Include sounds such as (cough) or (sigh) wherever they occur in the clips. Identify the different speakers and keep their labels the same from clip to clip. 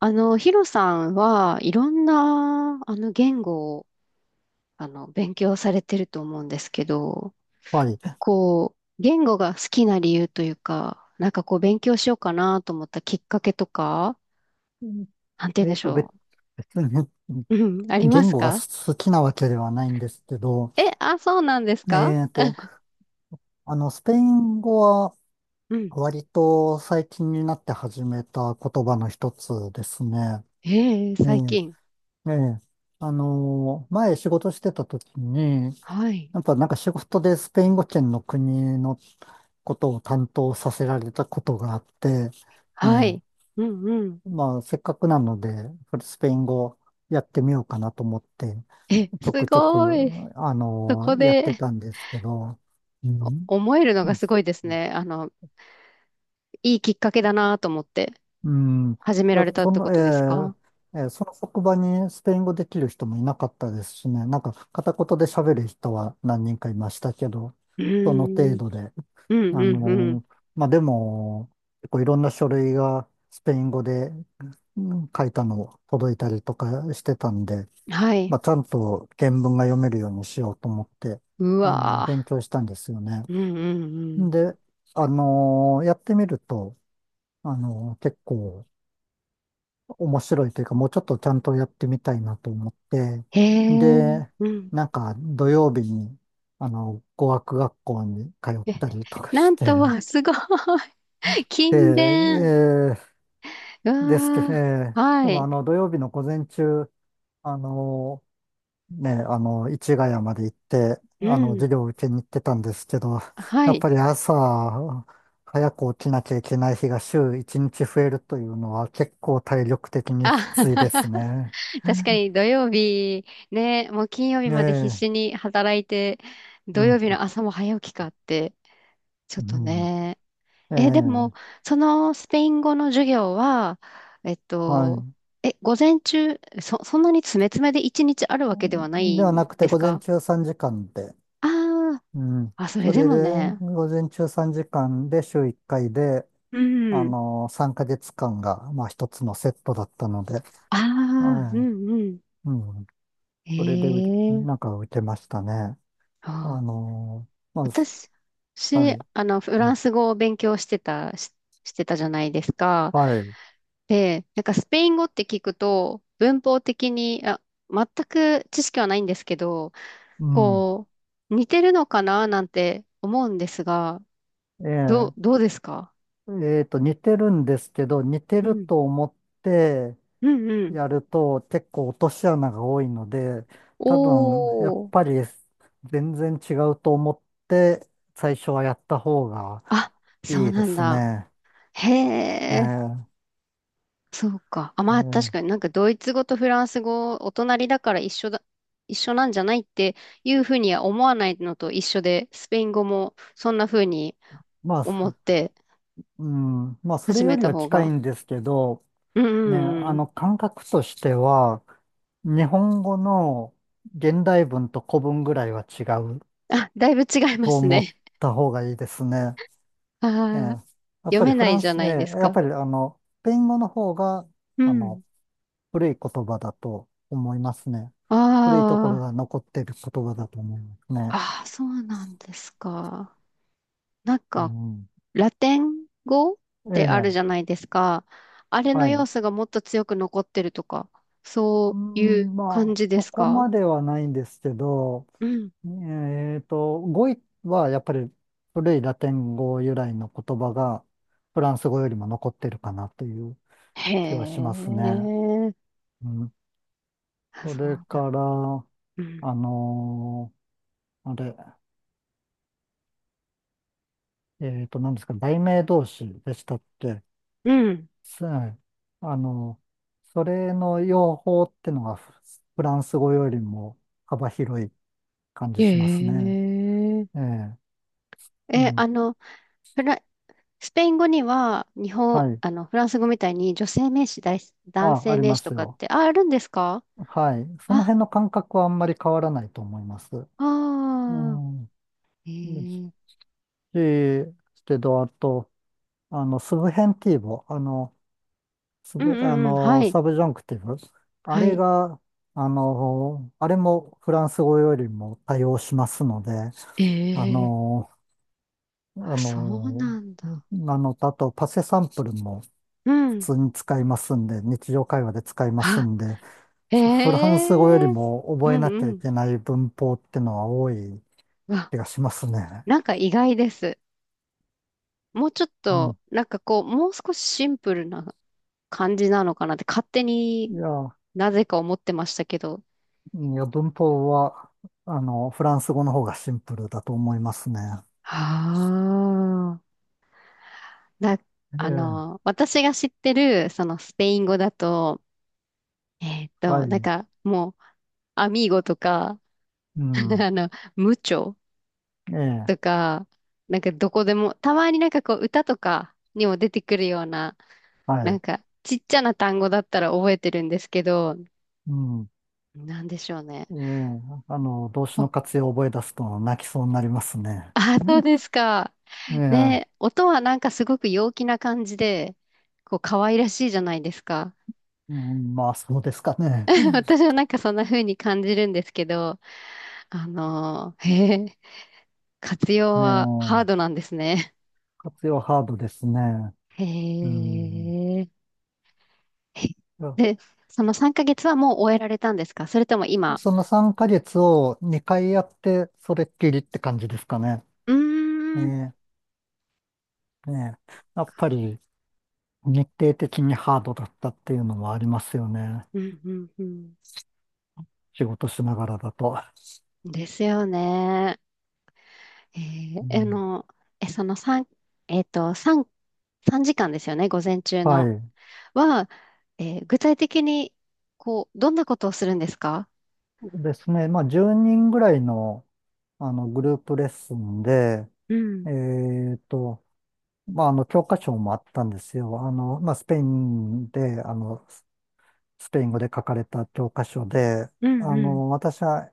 Speaker 1: ヒロさんはいろんな、言語を、勉強されてると思うんですけど、
Speaker 2: はい。
Speaker 1: こう、言語が好きな理由というか、なんかこう、勉強しようかなと思ったきっかけとか、
Speaker 2: うん。
Speaker 1: なんて言うん
Speaker 2: え
Speaker 1: で
Speaker 2: っ
Speaker 1: し
Speaker 2: と、別
Speaker 1: ょ
Speaker 2: 別に
Speaker 1: う。うん、ありま
Speaker 2: 言
Speaker 1: す
Speaker 2: 語が
Speaker 1: か？
Speaker 2: 好きなわけではないんですけど、
Speaker 1: え、あ、そうなんですか？
Speaker 2: えっと、スペイン語は
Speaker 1: うん。
Speaker 2: 割と最近になって始めた言葉の一つですね。
Speaker 1: ええ、
Speaker 2: え
Speaker 1: 最近。
Speaker 2: え、ええ。前仕事してた時に、
Speaker 1: はい。
Speaker 2: やっぱなんか仕事でスペイン語圏の国のことを担当させられたことがあって、え
Speaker 1: は
Speaker 2: え。
Speaker 1: い。うんうん。
Speaker 2: まあ、せっかくなので、スペイン語やってみようかなと思って、
Speaker 1: え、
Speaker 2: ちょ
Speaker 1: す
Speaker 2: くちょ
Speaker 1: ご
Speaker 2: く、
Speaker 1: い。そこ
Speaker 2: やって
Speaker 1: で
Speaker 2: たんですけど、うん、
Speaker 1: 思えるのがすごいですね。いいきっかけだなと思って
Speaker 2: うん、い
Speaker 1: 始めら
Speaker 2: や、
Speaker 1: れたっ
Speaker 2: そ
Speaker 1: て
Speaker 2: の、
Speaker 1: ことですか？
Speaker 2: その職場にスペイン語できる人もいなかったですしね、なんか片言で喋る人は何人かいましたけど、
Speaker 1: う
Speaker 2: その
Speaker 1: ー
Speaker 2: 程
Speaker 1: ん、
Speaker 2: 度で、
Speaker 1: うん、うん、うん。
Speaker 2: まあ、でも、結構いろんな書類がスペイン語で、うん、書いたの届いたりとかしてたんで、
Speaker 1: はい。
Speaker 2: まあ、ちゃんと原文が読めるようにしようと思って、
Speaker 1: うわ
Speaker 2: 勉強したんですよね。
Speaker 1: ぁ。うん、うん、うん。
Speaker 2: で、やってみると、結構面白いというか、もうちょっとちゃんとやってみたいなと思って、
Speaker 1: へえ、
Speaker 2: で、
Speaker 1: うん。
Speaker 2: なんか土曜日に、語学学校に通っ
Speaker 1: え、
Speaker 2: たりとか
Speaker 1: な
Speaker 2: し
Speaker 1: ん
Speaker 2: て、
Speaker 1: とは、すごい。(laughs)
Speaker 2: で、
Speaker 1: 勤勉。う
Speaker 2: ですけど、
Speaker 1: わぁ。
Speaker 2: で
Speaker 1: は
Speaker 2: も
Speaker 1: い。
Speaker 2: 土曜日の午前中、あの、ね、市ヶ谷まで行って、
Speaker 1: うん。
Speaker 2: 授業を受けに行ってたんですけど、
Speaker 1: は
Speaker 2: やっ
Speaker 1: い。
Speaker 2: ぱり朝、早く起きなきゃいけない日が週1日増えるというのは結構体力的にき
Speaker 1: あ、
Speaker 2: ついです
Speaker 1: (laughs)
Speaker 2: ね。
Speaker 1: 確かに土曜日、ね、もう金曜日
Speaker 2: え
Speaker 1: まで必
Speaker 2: え、
Speaker 1: 死に働いて、
Speaker 2: う
Speaker 1: 土
Speaker 2: ん、
Speaker 1: 曜日の朝も早起きかって、ちょっ
Speaker 2: う
Speaker 1: と
Speaker 2: ん、
Speaker 1: ね。
Speaker 2: え
Speaker 1: え、で
Speaker 2: え、
Speaker 1: も、そのスペイン語の授業は、えっ
Speaker 2: は
Speaker 1: と、
Speaker 2: い。
Speaker 1: え、午前中、そんなに詰め詰めで一日あるわけではない
Speaker 2: では
Speaker 1: ん
Speaker 2: なく
Speaker 1: で
Speaker 2: て、
Speaker 1: す
Speaker 2: 午前
Speaker 1: か？
Speaker 2: 中3時間で、
Speaker 1: ああー、
Speaker 2: うん。
Speaker 1: あ、それ
Speaker 2: そ
Speaker 1: で
Speaker 2: れ
Speaker 1: も
Speaker 2: で、
Speaker 1: ね。
Speaker 2: 午前中3時間で週1回で、
Speaker 1: うん。
Speaker 2: 3ヶ月間が、まあ、一つのセットだったので、
Speaker 1: ああ、う
Speaker 2: は
Speaker 1: んうん。
Speaker 2: い。うん。それでう、
Speaker 1: え
Speaker 2: なん
Speaker 1: え。
Speaker 2: か受けましたね。あ
Speaker 1: ああ。
Speaker 2: のまあ、
Speaker 1: 私、
Speaker 2: は
Speaker 1: し
Speaker 2: い。
Speaker 1: あの、フ
Speaker 2: う
Speaker 1: ラン
Speaker 2: ん、
Speaker 1: ス語を勉強してた、してたじゃないですか。
Speaker 2: はい。
Speaker 1: で、なんかスペイン語って聞くと、文法的に、あ、全く知識はないんですけど、
Speaker 2: うん。
Speaker 1: こう、似てるのかななんて思うんですが、
Speaker 2: え
Speaker 1: どうですか？
Speaker 2: え似てるんですけど、似て
Speaker 1: う
Speaker 2: る
Speaker 1: ん。
Speaker 2: と思って
Speaker 1: うんうん。
Speaker 2: やると結構落とし穴が多いので、多分、やっ
Speaker 1: おー。
Speaker 2: ぱり全然違うと思って最初はやった方が
Speaker 1: あ、そ
Speaker 2: い
Speaker 1: う
Speaker 2: いで
Speaker 1: なん
Speaker 2: す
Speaker 1: だ。
Speaker 2: ね。
Speaker 1: へえ。
Speaker 2: ええ
Speaker 1: そうか。あ、まあ確
Speaker 2: え
Speaker 1: かに
Speaker 2: え。
Speaker 1: なんかドイツ語とフランス語、お隣だから一緒だ、一緒なんじゃないっていうふうには思わないのと一緒で、スペイン語もそんなふうに
Speaker 2: まあ、
Speaker 1: 思って
Speaker 2: うん。まあ、それ
Speaker 1: 始
Speaker 2: よ
Speaker 1: め
Speaker 2: り
Speaker 1: た
Speaker 2: は
Speaker 1: 方
Speaker 2: 近い
Speaker 1: が。
Speaker 2: んですけど、
Speaker 1: うんう
Speaker 2: ね、
Speaker 1: ん
Speaker 2: あ
Speaker 1: うん。
Speaker 2: の感覚としては、日本語の現代文と古文ぐらいは違う
Speaker 1: あ、だいぶ違いま
Speaker 2: と
Speaker 1: す
Speaker 2: 思っ
Speaker 1: ね。
Speaker 2: た方がいいですね。
Speaker 1: (laughs)
Speaker 2: ええ、
Speaker 1: あ
Speaker 2: や
Speaker 1: あ、
Speaker 2: っ
Speaker 1: 読
Speaker 2: ぱり
Speaker 1: め
Speaker 2: フ
Speaker 1: な
Speaker 2: ラ
Speaker 1: い
Speaker 2: ン
Speaker 1: じゃ
Speaker 2: ス、
Speaker 1: ないで
Speaker 2: え
Speaker 1: す
Speaker 2: え、やっ
Speaker 1: か。
Speaker 2: ぱりスペイン語の方が、
Speaker 1: う
Speaker 2: あ
Speaker 1: ん。
Speaker 2: の、古い言葉だと思いますね。古いところ
Speaker 1: あ
Speaker 2: が残っている言葉だと思いますね。
Speaker 1: あ、ああ、そうなんですか。なん
Speaker 2: う
Speaker 1: か、
Speaker 2: ん。
Speaker 1: ラテン語っ
Speaker 2: え
Speaker 1: てある
Speaker 2: え、
Speaker 1: じゃないですか。あれの
Speaker 2: は
Speaker 1: 要
Speaker 2: い。
Speaker 1: 素がもっと強く残ってるとか、
Speaker 2: う
Speaker 1: そういう
Speaker 2: ん、
Speaker 1: 感
Speaker 2: まあ、
Speaker 1: じで
Speaker 2: そ
Speaker 1: す
Speaker 2: こ
Speaker 1: か？
Speaker 2: まではないんですけど、
Speaker 1: うん。
Speaker 2: 語彙はやっぱり古いラテン語由来の言葉がフランス語よりも残ってるかなという
Speaker 1: へ
Speaker 2: 気はしますね。
Speaker 1: え。
Speaker 2: うん。
Speaker 1: あ、
Speaker 2: そ
Speaker 1: そう
Speaker 2: れ
Speaker 1: なん。
Speaker 2: から、
Speaker 1: う
Speaker 2: あ
Speaker 1: ん。
Speaker 2: のあれ、何ですか、題名同士でしたって、
Speaker 1: うん。
Speaker 2: すあのそれの用法ってのがフランス語よりも幅広い感じします
Speaker 1: へ
Speaker 2: ね。え
Speaker 1: え。
Speaker 2: え、う
Speaker 1: え、
Speaker 2: ん。
Speaker 1: フラ、スペイン語には、
Speaker 2: はい。
Speaker 1: フランス語みたいに女性名詞、男
Speaker 2: あ、あ
Speaker 1: 性
Speaker 2: り
Speaker 1: 名
Speaker 2: ま
Speaker 1: 詞と
Speaker 2: す
Speaker 1: かっ
Speaker 2: よ。
Speaker 1: て、あ、あるんですか？
Speaker 2: はい。その
Speaker 1: あ、
Speaker 2: 辺の感覚はあんまり変わらないと思います。う
Speaker 1: ああ。
Speaker 2: ん。
Speaker 1: へ
Speaker 2: です
Speaker 1: え。
Speaker 2: し、けど、あと、スブヘンティーボ、あの、ス
Speaker 1: うん
Speaker 2: ブ、あ
Speaker 1: うんうん。は
Speaker 2: の、
Speaker 1: い。
Speaker 2: サブジャンクティブ、あ
Speaker 1: は
Speaker 2: れ
Speaker 1: い。
Speaker 2: が、あれもフランス語よりも対応しますので、あ
Speaker 1: ええ。
Speaker 2: の、あ
Speaker 1: あ、そう
Speaker 2: の、
Speaker 1: なんだ。
Speaker 2: なのと、あと、パセサンプルも
Speaker 1: う
Speaker 2: 普
Speaker 1: ん。
Speaker 2: 通に使いますんで、日常会話で使います
Speaker 1: あ、
Speaker 2: んで、
Speaker 1: え
Speaker 2: フランス語より
Speaker 1: え。
Speaker 2: も
Speaker 1: う
Speaker 2: 覚え
Speaker 1: ん
Speaker 2: な
Speaker 1: う
Speaker 2: きゃい
Speaker 1: ん。
Speaker 2: けない文法ってのは多い
Speaker 1: わ、
Speaker 2: 気がしますね。
Speaker 1: なんか意外です。もうちょっ
Speaker 2: う
Speaker 1: と、
Speaker 2: ん。
Speaker 1: なんかこう、もう少しシンプルな感じなのかなって勝手に
Speaker 2: いや、
Speaker 1: なぜか思ってましたけど。
Speaker 2: 文法は、フランス語の方がシンプルだと思いますね。
Speaker 1: ああ。な、
Speaker 2: ええ、
Speaker 1: 私が知ってる、そのスペイン語だと、
Speaker 2: は
Speaker 1: なん
Speaker 2: い。
Speaker 1: かもう、アミーゴとか、
Speaker 2: う
Speaker 1: (laughs)
Speaker 2: ん。
Speaker 1: あの、ムチョ。
Speaker 2: ええ、
Speaker 1: とか、なんかどこでも、たまになんかこう歌とかにも出てくるような、
Speaker 2: は
Speaker 1: なん
Speaker 2: い。
Speaker 1: かちっちゃな単語だったら覚えてるんですけど、
Speaker 2: うん。
Speaker 1: なんでしょうね。
Speaker 2: ええ、動詞
Speaker 1: ほ
Speaker 2: の活用を覚え出すと泣きそうになりますね。
Speaker 1: (laughs) あ、そうですか。
Speaker 2: ええ、
Speaker 1: ね、音はなんかすごく陽気な感じで、こう可愛らしいじゃないですか。
Speaker 2: うん、まあ、そうですかね。
Speaker 1: (laughs) 私はなんかそんな風に感じるんですけど、へえ、活用
Speaker 2: ええ、
Speaker 1: はハードなんですね。
Speaker 2: 活用ハードですね。
Speaker 1: (laughs)
Speaker 2: う
Speaker 1: へ
Speaker 2: ん。
Speaker 1: え。(laughs)
Speaker 2: いや、
Speaker 1: で、その3ヶ月はもう終えられたんですか？それとも今、
Speaker 2: その3ヶ月を2回やって、それっきりって感じですかね。
Speaker 1: うー
Speaker 2: ええ、
Speaker 1: ん。
Speaker 2: ねえ、やっぱり、日程的にハードだったっていうのもありますよね。
Speaker 1: うんうんうん。
Speaker 2: 仕事しながらだと。
Speaker 1: ですよね。え
Speaker 2: う
Speaker 1: ー、あ
Speaker 2: ん、
Speaker 1: の、え、その3、3、3時間ですよね、午前中
Speaker 2: は
Speaker 1: の。
Speaker 2: い。
Speaker 1: は、具体的に、こう、どんなことをするんですか？
Speaker 2: ですね。まあ、10人ぐらいの、あのグループレッスンで、
Speaker 1: うん、
Speaker 2: えっと、まあ、教科書もあったんですよ。まあ、スペインで、スペイン語で書かれた教科書で、
Speaker 1: うん、うん、
Speaker 2: 私は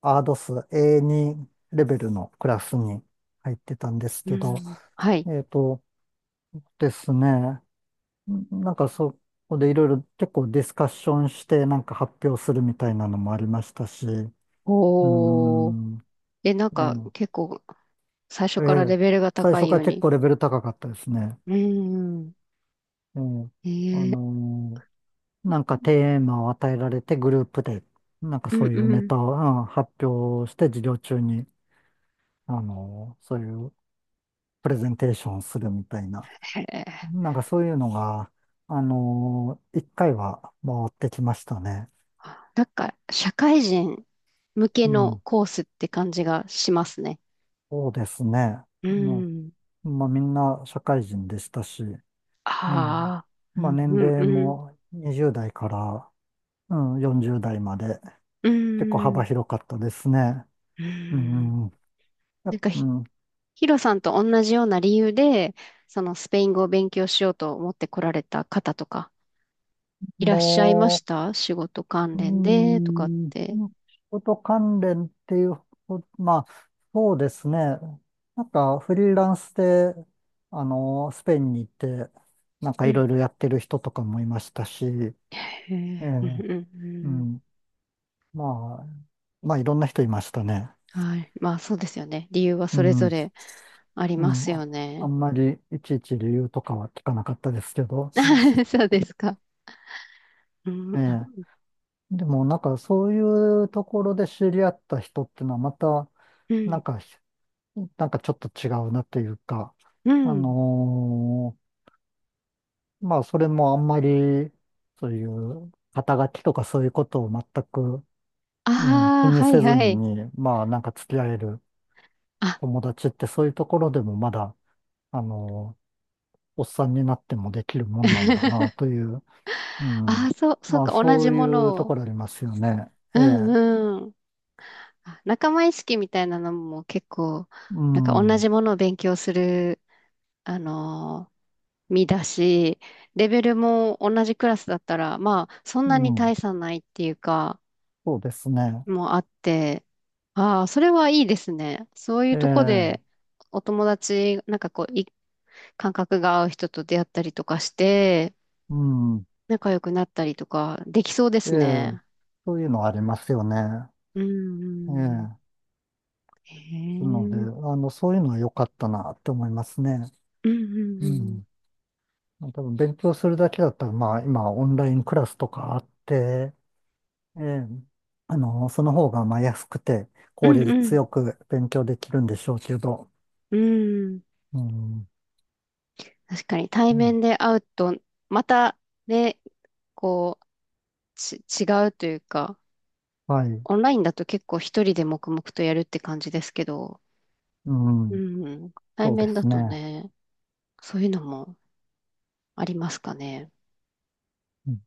Speaker 2: アードス A2 レベルのクラスに入ってたんです
Speaker 1: う
Speaker 2: けど、
Speaker 1: ん。はい。
Speaker 2: えっとですね。うん、なんかそこでいろいろ結構ディスカッションして、なんか発表するみたいなのもありましたし、うー
Speaker 1: おー。
Speaker 2: ん。
Speaker 1: え、なんか、
Speaker 2: え
Speaker 1: 結構、最初
Speaker 2: え、え
Speaker 1: からレ
Speaker 2: え、
Speaker 1: ベルが
Speaker 2: 最
Speaker 1: 高
Speaker 2: 初
Speaker 1: い
Speaker 2: か
Speaker 1: よ
Speaker 2: ら
Speaker 1: う
Speaker 2: 結
Speaker 1: に。
Speaker 2: 構レベル高かったですね。
Speaker 1: うん。
Speaker 2: ええ、
Speaker 1: え
Speaker 2: あ
Speaker 1: ー、
Speaker 2: のなんかテーマを与えられてグループで、なんか
Speaker 1: う
Speaker 2: そ
Speaker 1: ん、
Speaker 2: ういう
Speaker 1: う
Speaker 2: ネ
Speaker 1: ん。
Speaker 2: タを、うん、発表して授業中に、そういうプレゼンテーションをするみたいな、
Speaker 1: へー。
Speaker 2: なんかそういうのが、一回は回ってきましたね。
Speaker 1: なんか、社会人向け
Speaker 2: う
Speaker 1: の
Speaker 2: ん。
Speaker 1: コースって感じがしますね。
Speaker 2: そうですね。
Speaker 1: う
Speaker 2: の、
Speaker 1: ん。
Speaker 2: まあ、みんな社会人でしたし、ええ、
Speaker 1: ああ。う
Speaker 2: まあ、
Speaker 1: ん
Speaker 2: 年
Speaker 1: うん
Speaker 2: 齢
Speaker 1: うん。
Speaker 2: も20代から、うん、40代まで
Speaker 1: う
Speaker 2: 結構幅
Speaker 1: ん。
Speaker 2: 広かったですね。
Speaker 1: う
Speaker 2: う
Speaker 1: ん。
Speaker 2: ん、や
Speaker 1: なん
Speaker 2: っ
Speaker 1: か
Speaker 2: うん、
Speaker 1: ヒロさんと同じような理由で、そのスペイン語を勉強しようと思って来られた方とか、いらっしゃいまし
Speaker 2: も
Speaker 1: た？仕事関
Speaker 2: う、
Speaker 1: 連でとかっ
Speaker 2: うん、
Speaker 1: て。
Speaker 2: 仕事関連っていうまあ、そうですね。なんかフリーランスで、スペインに行って、なんか
Speaker 1: う
Speaker 2: いろ
Speaker 1: ん。
Speaker 2: いろやってる人とかもいましたし、
Speaker 1: へ
Speaker 2: え
Speaker 1: え。うん
Speaker 2: え、
Speaker 1: うんう
Speaker 2: う
Speaker 1: ん。
Speaker 2: ん。まあ、まあ、いろんな人いましたね。
Speaker 1: はい。まあ、そうですよね。理由は
Speaker 2: う
Speaker 1: それぞ
Speaker 2: ん、
Speaker 1: れあり
Speaker 2: う
Speaker 1: ま
Speaker 2: ん。
Speaker 1: すよ
Speaker 2: あ
Speaker 1: ね。
Speaker 2: んまりいちいち理由とかは聞かなかったですけど、
Speaker 1: (laughs) そうですか。う
Speaker 2: え
Speaker 1: ん。あ、
Speaker 2: え。でも、なんか、そういうところで知り合った人っていうのは、また、
Speaker 1: う
Speaker 2: なん
Speaker 1: ん
Speaker 2: か、なんか、ちょっと違うなっていうか、
Speaker 1: う
Speaker 2: あ
Speaker 1: ん。
Speaker 2: のまあ、それもあんまり、そういう、肩書きとかそういうことを全く、
Speaker 1: あ
Speaker 2: うん、気
Speaker 1: あ、
Speaker 2: に
Speaker 1: はい
Speaker 2: せず
Speaker 1: はい。
Speaker 2: に、まあ、なんか付き合える
Speaker 1: あ、
Speaker 2: 友達って、そういうところでもまだ、あのーおっさんになってもできるもんなんだな
Speaker 1: (laughs)
Speaker 2: という、う
Speaker 1: あ
Speaker 2: ん。
Speaker 1: あ、そう、そう
Speaker 2: まあ、
Speaker 1: か、同じ
Speaker 2: そう
Speaker 1: も
Speaker 2: い
Speaker 1: の
Speaker 2: うと
Speaker 1: を。
Speaker 2: ころありますよね。
Speaker 1: う
Speaker 2: ええ、
Speaker 1: んうん。あ、仲間意識みたいなのも結構、
Speaker 2: う
Speaker 1: なんか
Speaker 2: ん、
Speaker 1: 同
Speaker 2: う
Speaker 1: じものを勉強する、あのー身だし、レベルも同じクラスだったら、まあ、そんなに
Speaker 2: ん、
Speaker 1: 大差ないっていうか、
Speaker 2: そうですね。
Speaker 1: もあって、ああ、それはいいですね。そうい
Speaker 2: え
Speaker 1: うとこ
Speaker 2: え、
Speaker 1: で、お友達、なんかこう、感覚が合う人と出会ったりとかして、
Speaker 2: うん、
Speaker 1: 仲良くなったりとか、できそうで
Speaker 2: え
Speaker 1: す
Speaker 2: え、
Speaker 1: ね。
Speaker 2: そういうのありますよね。
Speaker 1: うん、う
Speaker 2: ええ、
Speaker 1: ん。
Speaker 2: な
Speaker 1: へ
Speaker 2: ので、
Speaker 1: え。
Speaker 2: そういうのは良かったなって思いますね。
Speaker 1: うん、うん、う
Speaker 2: う
Speaker 1: ん。
Speaker 2: ん。多分勉強するだけだったら、まあ、今、オンラインクラスとかあって、ええ、その方が、まあ、安くて、
Speaker 1: う
Speaker 2: 効
Speaker 1: ん、う
Speaker 2: 率
Speaker 1: ん。
Speaker 2: よく勉強できるんでしょうけど、
Speaker 1: うん。
Speaker 2: うん、
Speaker 1: 確かに対
Speaker 2: うん、
Speaker 1: 面で会うと、またね、こう、違うというか、
Speaker 2: はい、
Speaker 1: オンラインだと結構一人で黙々とやるって感じですけど、
Speaker 2: う
Speaker 1: う
Speaker 2: ん、
Speaker 1: ん、うん。対
Speaker 2: そうで
Speaker 1: 面だ
Speaker 2: す
Speaker 1: と
Speaker 2: ね。
Speaker 1: ね、そういうのもありますかね。
Speaker 2: うん